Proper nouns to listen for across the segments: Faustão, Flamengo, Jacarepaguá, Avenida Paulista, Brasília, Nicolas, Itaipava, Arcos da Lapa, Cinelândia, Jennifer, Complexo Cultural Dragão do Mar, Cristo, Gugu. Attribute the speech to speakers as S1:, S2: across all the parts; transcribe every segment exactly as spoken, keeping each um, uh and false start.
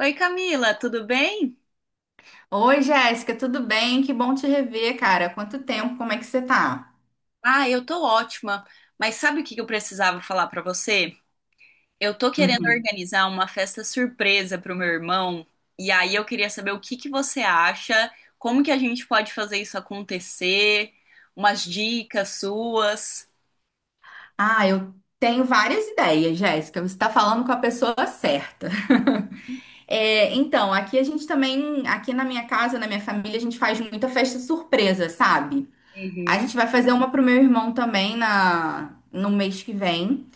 S1: Oi, Camila, tudo bem?
S2: Oi, Jéssica, tudo bem? Que bom te rever, cara. Quanto tempo, como é que você tá?
S1: Ah, eu tô ótima. Mas sabe o que que eu precisava falar pra você? Eu tô querendo
S2: Uhum.
S1: organizar uma festa surpresa pro meu irmão, e aí eu queria saber o que que você acha, como que a gente pode fazer isso acontecer, umas dicas suas.
S2: Ah, eu tenho várias ideias, Jéssica. Você tá falando com a pessoa certa. É, então, aqui a gente também, aqui na minha casa, na minha família, a gente faz muita festa surpresa, sabe? A
S1: Uhum.
S2: gente vai fazer uma pro meu irmão também na, no mês que vem.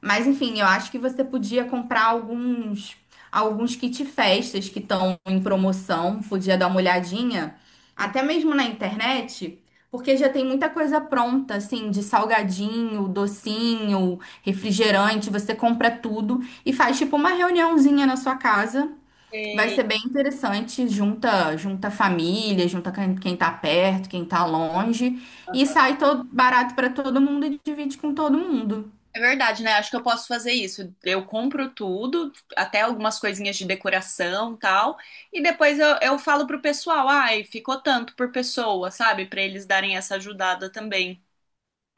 S2: Mas enfim, eu acho que você podia comprar alguns alguns kit festas que estão em promoção, podia dar uma olhadinha, até mesmo na internet, porque já tem muita coisa pronta, assim, de salgadinho, docinho, refrigerante, você compra tudo e faz tipo uma reuniãozinha na sua casa. Vai
S1: Sei.
S2: ser bem interessante, junta junta família, junta quem, quem tá perto, quem tá longe e sai todo barato para todo mundo e divide com todo mundo.
S1: É verdade, né? Acho que eu posso fazer isso. Eu compro tudo, até algumas coisinhas de decoração, tal, e depois eu, eu falo pro pessoal, ai, ficou tanto por pessoa, sabe? Pra eles darem essa ajudada também.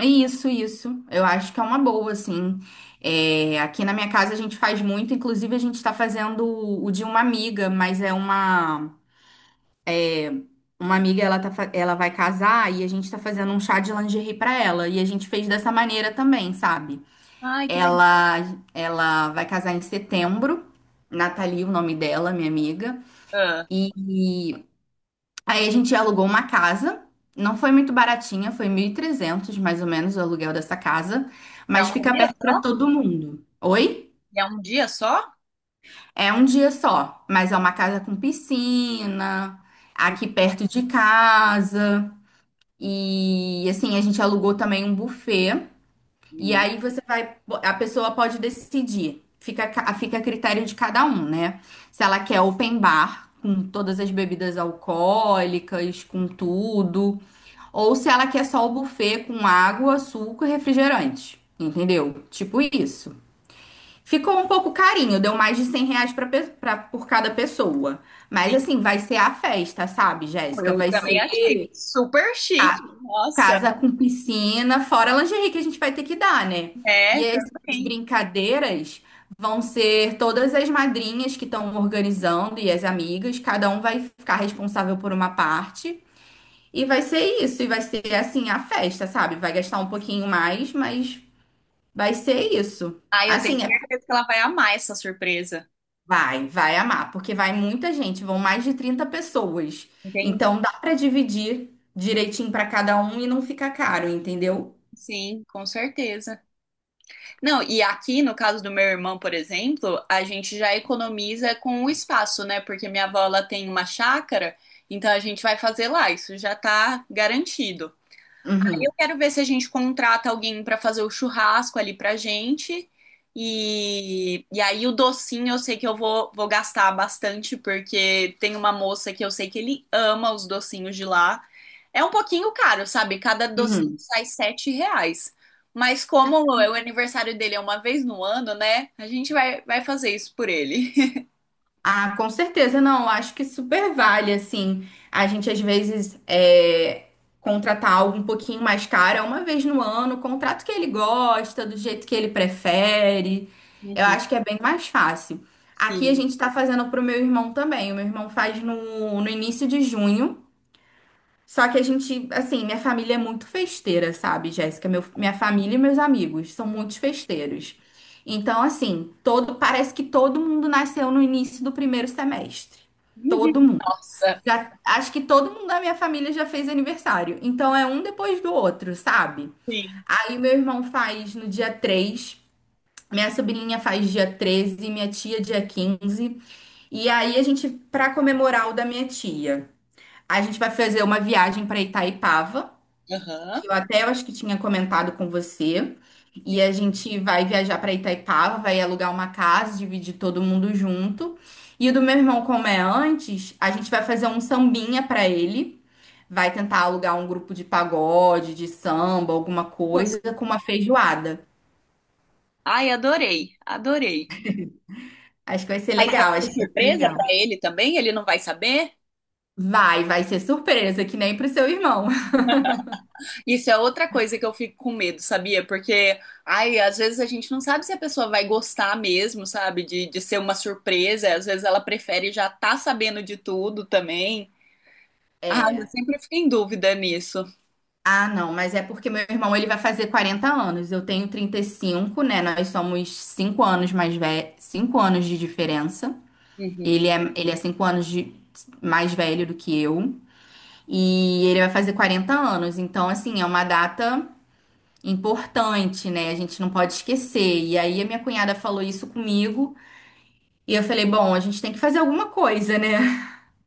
S2: Isso, isso. Eu acho que é uma boa, assim. É, aqui na minha casa a gente faz muito, inclusive a gente tá fazendo o o de uma amiga, mas é uma uma amiga, ela tá, fa- ela vai casar e a gente tá fazendo um chá de lingerie pra ela, e a gente fez dessa maneira também, sabe?
S1: Ai, que legal.
S2: Ela ela vai casar em setembro, Nathalie, o nome dela, minha amiga.
S1: Ah,
S2: E Aí a gente alugou uma casa. Não foi muito baratinha, foi mil e trezentos mais ou menos o aluguel dessa casa,
S1: pra
S2: mas
S1: um
S2: fica
S1: dia
S2: perto para
S1: só?
S2: todo mundo. Oi?
S1: E É um dia só?
S2: É um dia só, mas é uma casa com piscina, aqui perto de casa. E assim, a gente alugou também um buffet. E
S1: Uhum.
S2: aí você vai, a pessoa pode decidir. Fica, a ca- fica a critério de cada um, né? Se ela quer open bar, com todas as bebidas alcoólicas, com tudo. Ou se ela quer só o buffet com água, suco e refrigerante. Entendeu? Tipo isso. Ficou um pouco carinho, deu mais de cem reais pra, pe- pra- por cada pessoa. Mas
S1: Sim,
S2: assim, vai ser a festa, sabe, Jéssica?
S1: eu
S2: Vai
S1: também
S2: ser
S1: achei super chique. Nossa,
S2: casa com piscina, fora a lingerie que a gente vai ter que dar, né? E
S1: é,
S2: essas
S1: também.
S2: brincadeiras vão ser todas as madrinhas que estão organizando e as amigas, cada um vai ficar responsável por uma parte. E vai ser isso, e vai ser assim a festa, sabe? Vai gastar um pouquinho mais, mas vai ser isso.
S1: Ai, eu tenho
S2: Assim, é-
S1: certeza que ela vai amar essa surpresa.
S2: vai, vai amar, porque vai muita gente, vão mais de trinta pessoas.
S1: Entendi.
S2: Então dá pra dividir direitinho pra cada um e não fica caro, entendeu?
S1: Sim, com certeza. Não, e aqui no caso do meu irmão, por exemplo, a gente já economiza com o espaço, né? Porque minha avó ela tem uma chácara, então a gente vai fazer lá, isso já tá garantido. Eu
S2: Uhum,
S1: quero ver se a gente contrata alguém para fazer o churrasco ali pra gente. E, e aí o docinho eu sei que eu vou, vou gastar bastante, porque tem uma moça que eu sei que ele ama os docinhos de lá. É um pouquinho caro, sabe? Cada docinho
S2: uhum.
S1: sai sete reais. Mas como o o aniversário dele é uma vez no ano, né? A gente vai, vai fazer isso por ele.
S2: Ah, com certeza, não. Acho que super vale, assim, a gente às vezes é, contratar algo um pouquinho mais caro, é uma vez no ano, contrato que ele gosta, do jeito que ele prefere. Eu
S1: Uhum,
S2: acho que é bem mais fácil. Aqui a
S1: sim.
S2: gente está fazendo para o meu irmão também. O meu irmão faz no, no início de junho. Só que a gente, assim, minha família é muito festeira, sabe, Jéssica? Meu- minha família e meus amigos são muitos festeiros. Então, assim, todo, parece que todo mundo nasceu no início do primeiro semestre. Todo mundo.
S1: Nossa,
S2: Já- acho que todo mundo da minha família já fez aniversário. Então é um depois do outro, sabe?
S1: sim.
S2: Aí meu irmão faz no dia três, minha sobrinha faz dia treze, minha tia dia quinze. E aí a gente, pra comemorar o da minha tia, a gente vai fazer uma viagem pra Itaipava,
S1: Aham.
S2: que eu até acho que tinha comentado com você. E
S1: Sim.
S2: a gente vai viajar para Itaipava, vai alugar uma casa, dividir todo mundo junto. E o do meu irmão, como é antes, a gente vai fazer um sambinha para ele. Vai tentar alugar um grupo de pagode, de samba, alguma coisa, com uma feijoada.
S1: Ai, adorei, adorei.
S2: Acho que vai ser
S1: Mas vai
S2: legal, acho
S1: ser
S2: que vai ser
S1: surpresa pra
S2: legal.
S1: ele também? Ele não vai saber?
S2: Vai, vai ser surpresa, que nem pro seu irmão.
S1: Isso é outra coisa que eu fico com medo, sabia? Porque, ai, às vezes a gente não sabe se a pessoa vai gostar mesmo, sabe? De, de ser uma surpresa. Às vezes ela prefere já tá sabendo de tudo também. Ah, eu sempre fico em dúvida nisso.
S2: Ah, não, mas é porque meu irmão ele vai fazer quarenta anos. Eu tenho trinta e cinco, né? Nós somos cinco anos mais velhos, cinco anos de diferença.
S1: Uhum.
S2: Ele é ele é cinco anos de- mais velho do que eu e ele vai fazer quarenta anos. Então, assim, é uma data importante, né? A gente não pode esquecer. E aí a minha cunhada falou isso comigo e eu falei, bom, a gente tem que fazer alguma coisa, né?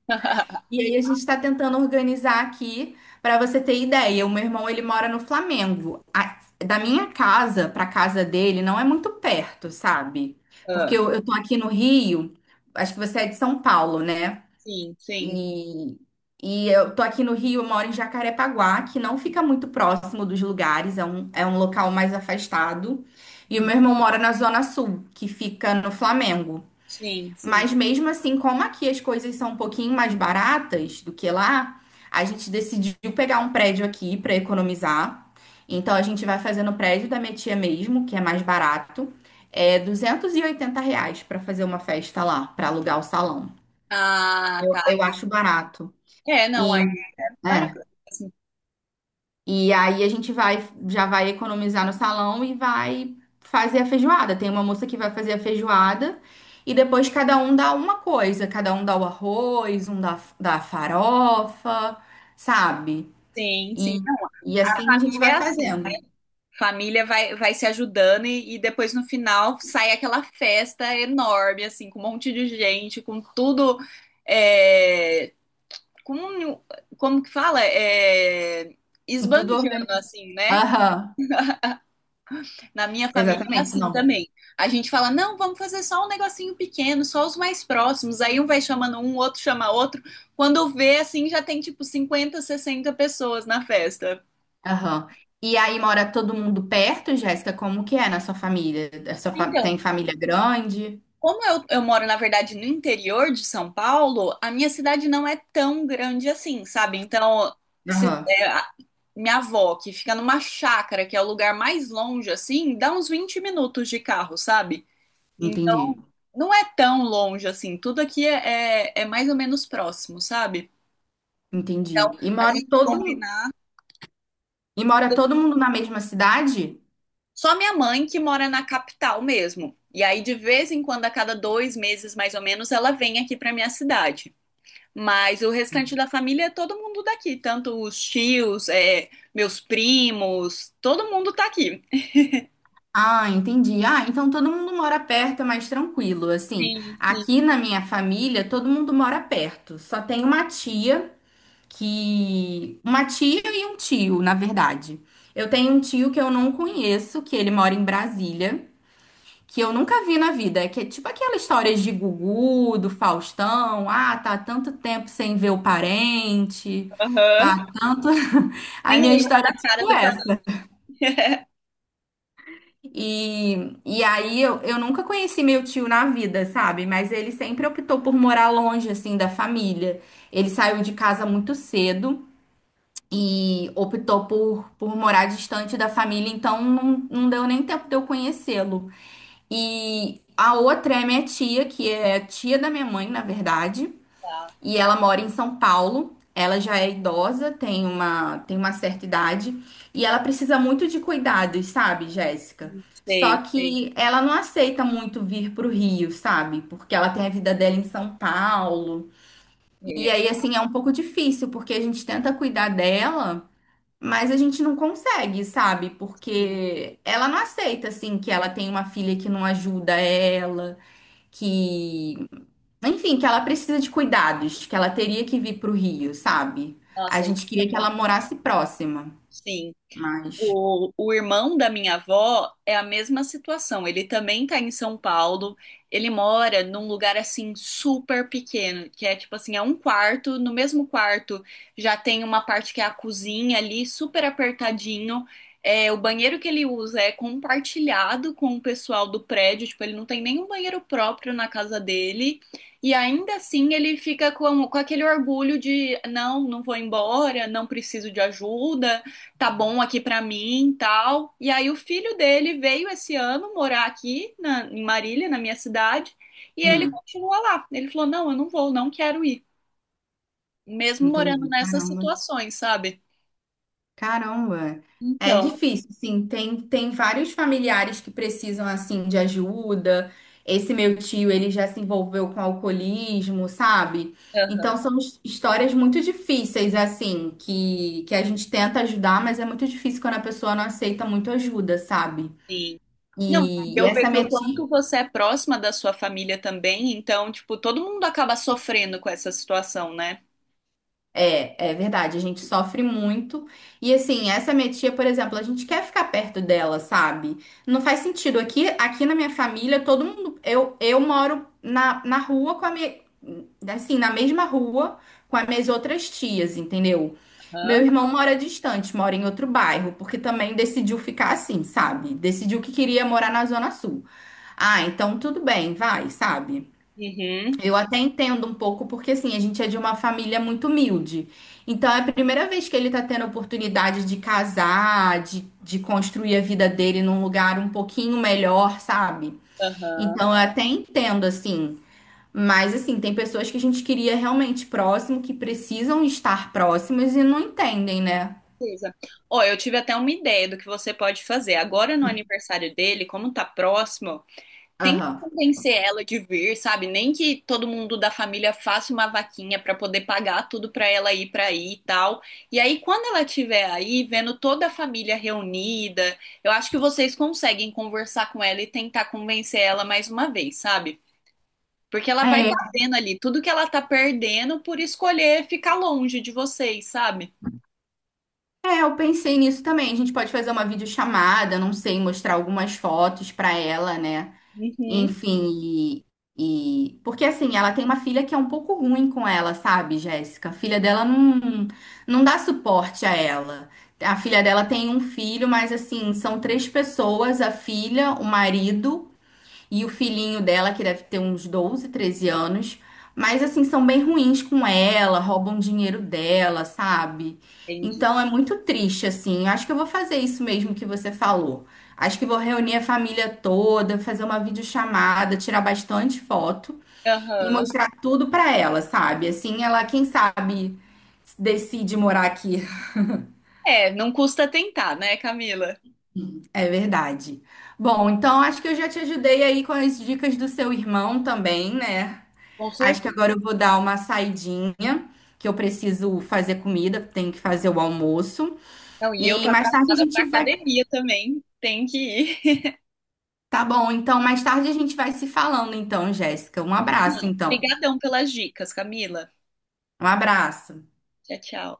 S2: E aí a gente está tentando organizar aqui para você ter ideia. O meu irmão ele mora no Flamengo. A- da minha casa para casa dele não é muito perto, sabe? Porque
S1: Ah,
S2: eu, eu tô aqui no Rio. Acho que você é de São Paulo, né?
S1: sim, sim.
S2: E e eu tô aqui no Rio. Eu moro em Jacarepaguá, que não fica muito próximo dos lugares. É um é um local mais afastado. E o meu irmão mora na Zona Sul, que fica no Flamengo.
S1: Sim, sim.
S2: Mas mesmo assim, como aqui as coisas são um pouquinho mais baratas do que lá, a gente decidiu pegar um prédio aqui para economizar. Então a gente vai fazer no prédio da minha tia mesmo, que é mais barato. É R duzentos e oitenta reais para fazer uma festa lá, para alugar o salão.
S1: Ah, tá.
S2: Eu acho barato.
S1: É, não, é
S2: E
S1: para
S2: é.
S1: mesmo.
S2: E aí a gente vai, já vai economizar no salão e vai fazer a feijoada. Tem uma moça que vai fazer a feijoada e depois cada um dá uma coisa. Cada um dá o arroz, um dá, dá a farofa, sabe?
S1: Sim, sim,
S2: E, e assim a gente vai
S1: é assim.
S2: fazendo.
S1: Família vai, vai se ajudando e, e depois no final sai aquela festa enorme, assim, com um monte de gente, com tudo. É, com, um, como que fala? É,
S2: Com Tudo
S1: esbanjando,
S2: organizado.
S1: assim, né?
S2: Aham,
S1: Na minha família é
S2: exatamente,
S1: assim
S2: não.
S1: também. A gente fala, não, vamos fazer só um negocinho pequeno, só os mais próximos. Aí um vai chamando um, outro chama outro. Quando vê, assim, já tem tipo cinquenta, sessenta pessoas na festa.
S2: Aham. E aí mora todo mundo perto, Jéssica? Como que é na sua família? A sua fa-
S1: Então,
S2: Tem família grande?
S1: como eu, eu moro, na verdade, no interior de São Paulo, a minha cidade não é tão grande assim, sabe? Então, se,
S2: Aham,
S1: é, a- minha avó, que fica numa chácara, que é o lugar mais longe, assim, dá uns vinte minutos de carro, sabe?
S2: entendi.
S1: Então, não é tão longe assim. Tudo aqui é, é, é mais ou menos próximo, sabe? Então,
S2: Entendi. E
S1: a
S2: mora
S1: gente
S2: todo,
S1: combinar.
S2: E mora todo mundo na mesma cidade?
S1: Só minha mãe que mora na capital mesmo. E aí, de vez em quando, a cada dois meses, mais ou menos, ela vem aqui pra minha cidade. Mas o restante da família é todo mundo daqui, tanto os tios, é, meus primos, todo mundo tá aqui.
S2: Ah, entendi. Ah, então todo mundo mora perto, é mais tranquilo. Assim,
S1: Sim, sim.
S2: aqui na minha família, todo mundo mora perto. Só tem uma tia que. Uma tia e um tio, na verdade. Eu tenho um tio que eu não conheço, que ele mora em Brasília, que eu nunca vi na vida. É Que é tipo aquela história de Gugu, do Faustão. Ah, tá há tanto tempo sem ver o parente. Tá
S1: Aham.
S2: há tanto. A
S1: Nem
S2: minha
S1: lembra
S2: história é
S1: da cara
S2: tipo
S1: do
S2: essa.
S1: planeta. É,
S2: E, e aí eu, eu nunca conheci meu tio na vida, sabe? Mas ele sempre optou por morar longe, assim, da família. Ele saiu de casa muito cedo e optou por, por morar distante da família, então não, não deu nem tempo de eu conhecê-lo. E a outra é minha tia, que é tia da minha mãe, na verdade, e ela mora em São Paulo. Ela já é idosa, tem uma, tem uma certa idade e ela precisa muito de cuidados, sabe, Jéssica? Só
S1: sei, sei.
S2: que ela não aceita muito vir pro Rio, sabe? Porque ela tem a vida dela em São Paulo. E
S1: É,
S2: aí, assim, é um pouco difícil, porque a gente tenta cuidar dela, mas a gente não consegue, sabe?
S1: sim.
S2: Porque ela não aceita, assim, que ela tem uma filha que não ajuda ela, que, enfim, que ela precisa de cuidados, que ela teria que vir para o Rio, sabe? A
S1: Nossa, isso
S2: gente
S1: é
S2: queria que
S1: bom.
S2: ela morasse próxima,
S1: Sim.
S2: mas
S1: O, o irmão da minha avó é a mesma situação. Ele também tá em São Paulo. Ele mora num lugar assim super pequeno, que é tipo assim, é um quarto. No mesmo quarto já tem uma parte que é a cozinha ali, super apertadinho. É, o banheiro que ele usa é compartilhado com o pessoal do prédio. Tipo, ele não tem nenhum banheiro próprio na casa dele. E ainda assim ele fica com, com aquele orgulho de não, não vou embora, não preciso de ajuda, tá bom aqui pra mim, e tal. E aí o filho dele veio esse ano morar aqui na- em Marília, na minha cidade, e ele
S2: hum,
S1: continua lá. Ele falou: "Não, eu não vou, não quero ir", mesmo morando
S2: entendi.
S1: nessas
S2: Caramba,
S1: situações, sabe?
S2: caramba. É
S1: Então,
S2: difícil, sim. Tem, tem vários familiares que precisam, assim, de ajuda. Esse meu tio, ele já se envolveu com alcoolismo, sabe?
S1: aham,
S2: Então, são his- histórias muito difíceis, assim, que, que a gente tenta ajudar, mas é muito difícil quando a pessoa não aceita muito ajuda, sabe?
S1: sim. Não,
S2: E, e
S1: eu
S2: essa
S1: vejo
S2: minha
S1: o quanto
S2: tia.
S1: você é próxima da sua família também, então, tipo, todo mundo acaba sofrendo com essa situação, né?
S2: É, é verdade, a gente sofre muito. E assim, essa minha tia, por exemplo, a gente quer ficar perto dela, sabe? Não faz sentido. Aqui, aqui na minha família, todo mundo. Eu, eu moro na, na rua com a minha. Assim, na mesma rua com as minhas outras tias, entendeu? Meu
S1: Aham.
S2: irmão mora distante, mora em outro bairro, porque também decidiu ficar assim, sabe? Decidiu que queria morar na Zona Sul. Ah, então tudo bem, vai, sabe?
S1: Uhum.
S2: Eu até entendo um pouco, porque assim, a gente é de uma família muito humilde. Então é a primeira vez que ele tá tendo a oportunidade de casar, de, de construir a vida dele num lugar um pouquinho melhor, sabe?
S1: Aham.
S2: Então eu até entendo, assim. Mas assim, tem pessoas que a gente queria realmente próximo, que precisam estar próximas e não entendem, né?
S1: Beleza. Ó, eu tive até uma ideia do que você pode fazer. Agora no aniversário dele, como tá próximo, tenta
S2: Aham.
S1: convencer ela de vir, sabe? Nem que todo mundo da família faça uma vaquinha pra poder pagar tudo pra ela ir pra aí e tal. E aí, quando ela estiver aí, vendo toda a família reunida, eu acho que vocês conseguem conversar com ela e tentar convencer ela mais uma vez, sabe? Porque ela vai
S2: É,
S1: tá vendo ali tudo que ela tá perdendo por escolher ficar longe de vocês, sabe?
S2: é, eu pensei nisso também. A gente pode fazer uma videochamada, não sei, mostrar algumas fotos pra ela, né?
S1: Uhum,
S2: Enfim, e, e- porque assim, ela tem uma filha que é um pouco ruim com ela, sabe, Jéssica? A filha dela não, não dá suporte a ela. A filha dela tem um filho, mas assim, são três pessoas, a filha, o marido e o filhinho dela, que deve ter uns doze treze anos. Mas, assim, são bem ruins com ela, roubam dinheiro dela, sabe?
S1: entendi.
S2: Então é muito triste, assim. Eu Acho que eu vou fazer isso mesmo que você falou. Acho que vou reunir a família toda, fazer uma videochamada, tirar bastante foto e
S1: Aham.
S2: mostrar tudo pra ela, sabe? Assim, ela, quem sabe, decide morar aqui.
S1: É, não custa tentar, né, Camila?
S2: É verdade. Bom, então acho que eu já te ajudei aí com as dicas do seu irmão também, né?
S1: Com
S2: Acho que
S1: certeza.
S2: agora eu vou dar uma saidinha, que eu preciso fazer comida, tenho que fazer o almoço.
S1: Não, e eu
S2: E
S1: tô
S2: mais tarde a
S1: atrasada pra
S2: gente vai.
S1: academia também. Tem que ir.
S2: Tá bom, então mais tarde a gente vai se falando, então, Jéssica. Um abraço,
S1: Combinado.
S2: então.
S1: Obrigadão pelas dicas, Camila.
S2: Um abraço.
S1: Tchau, tchau.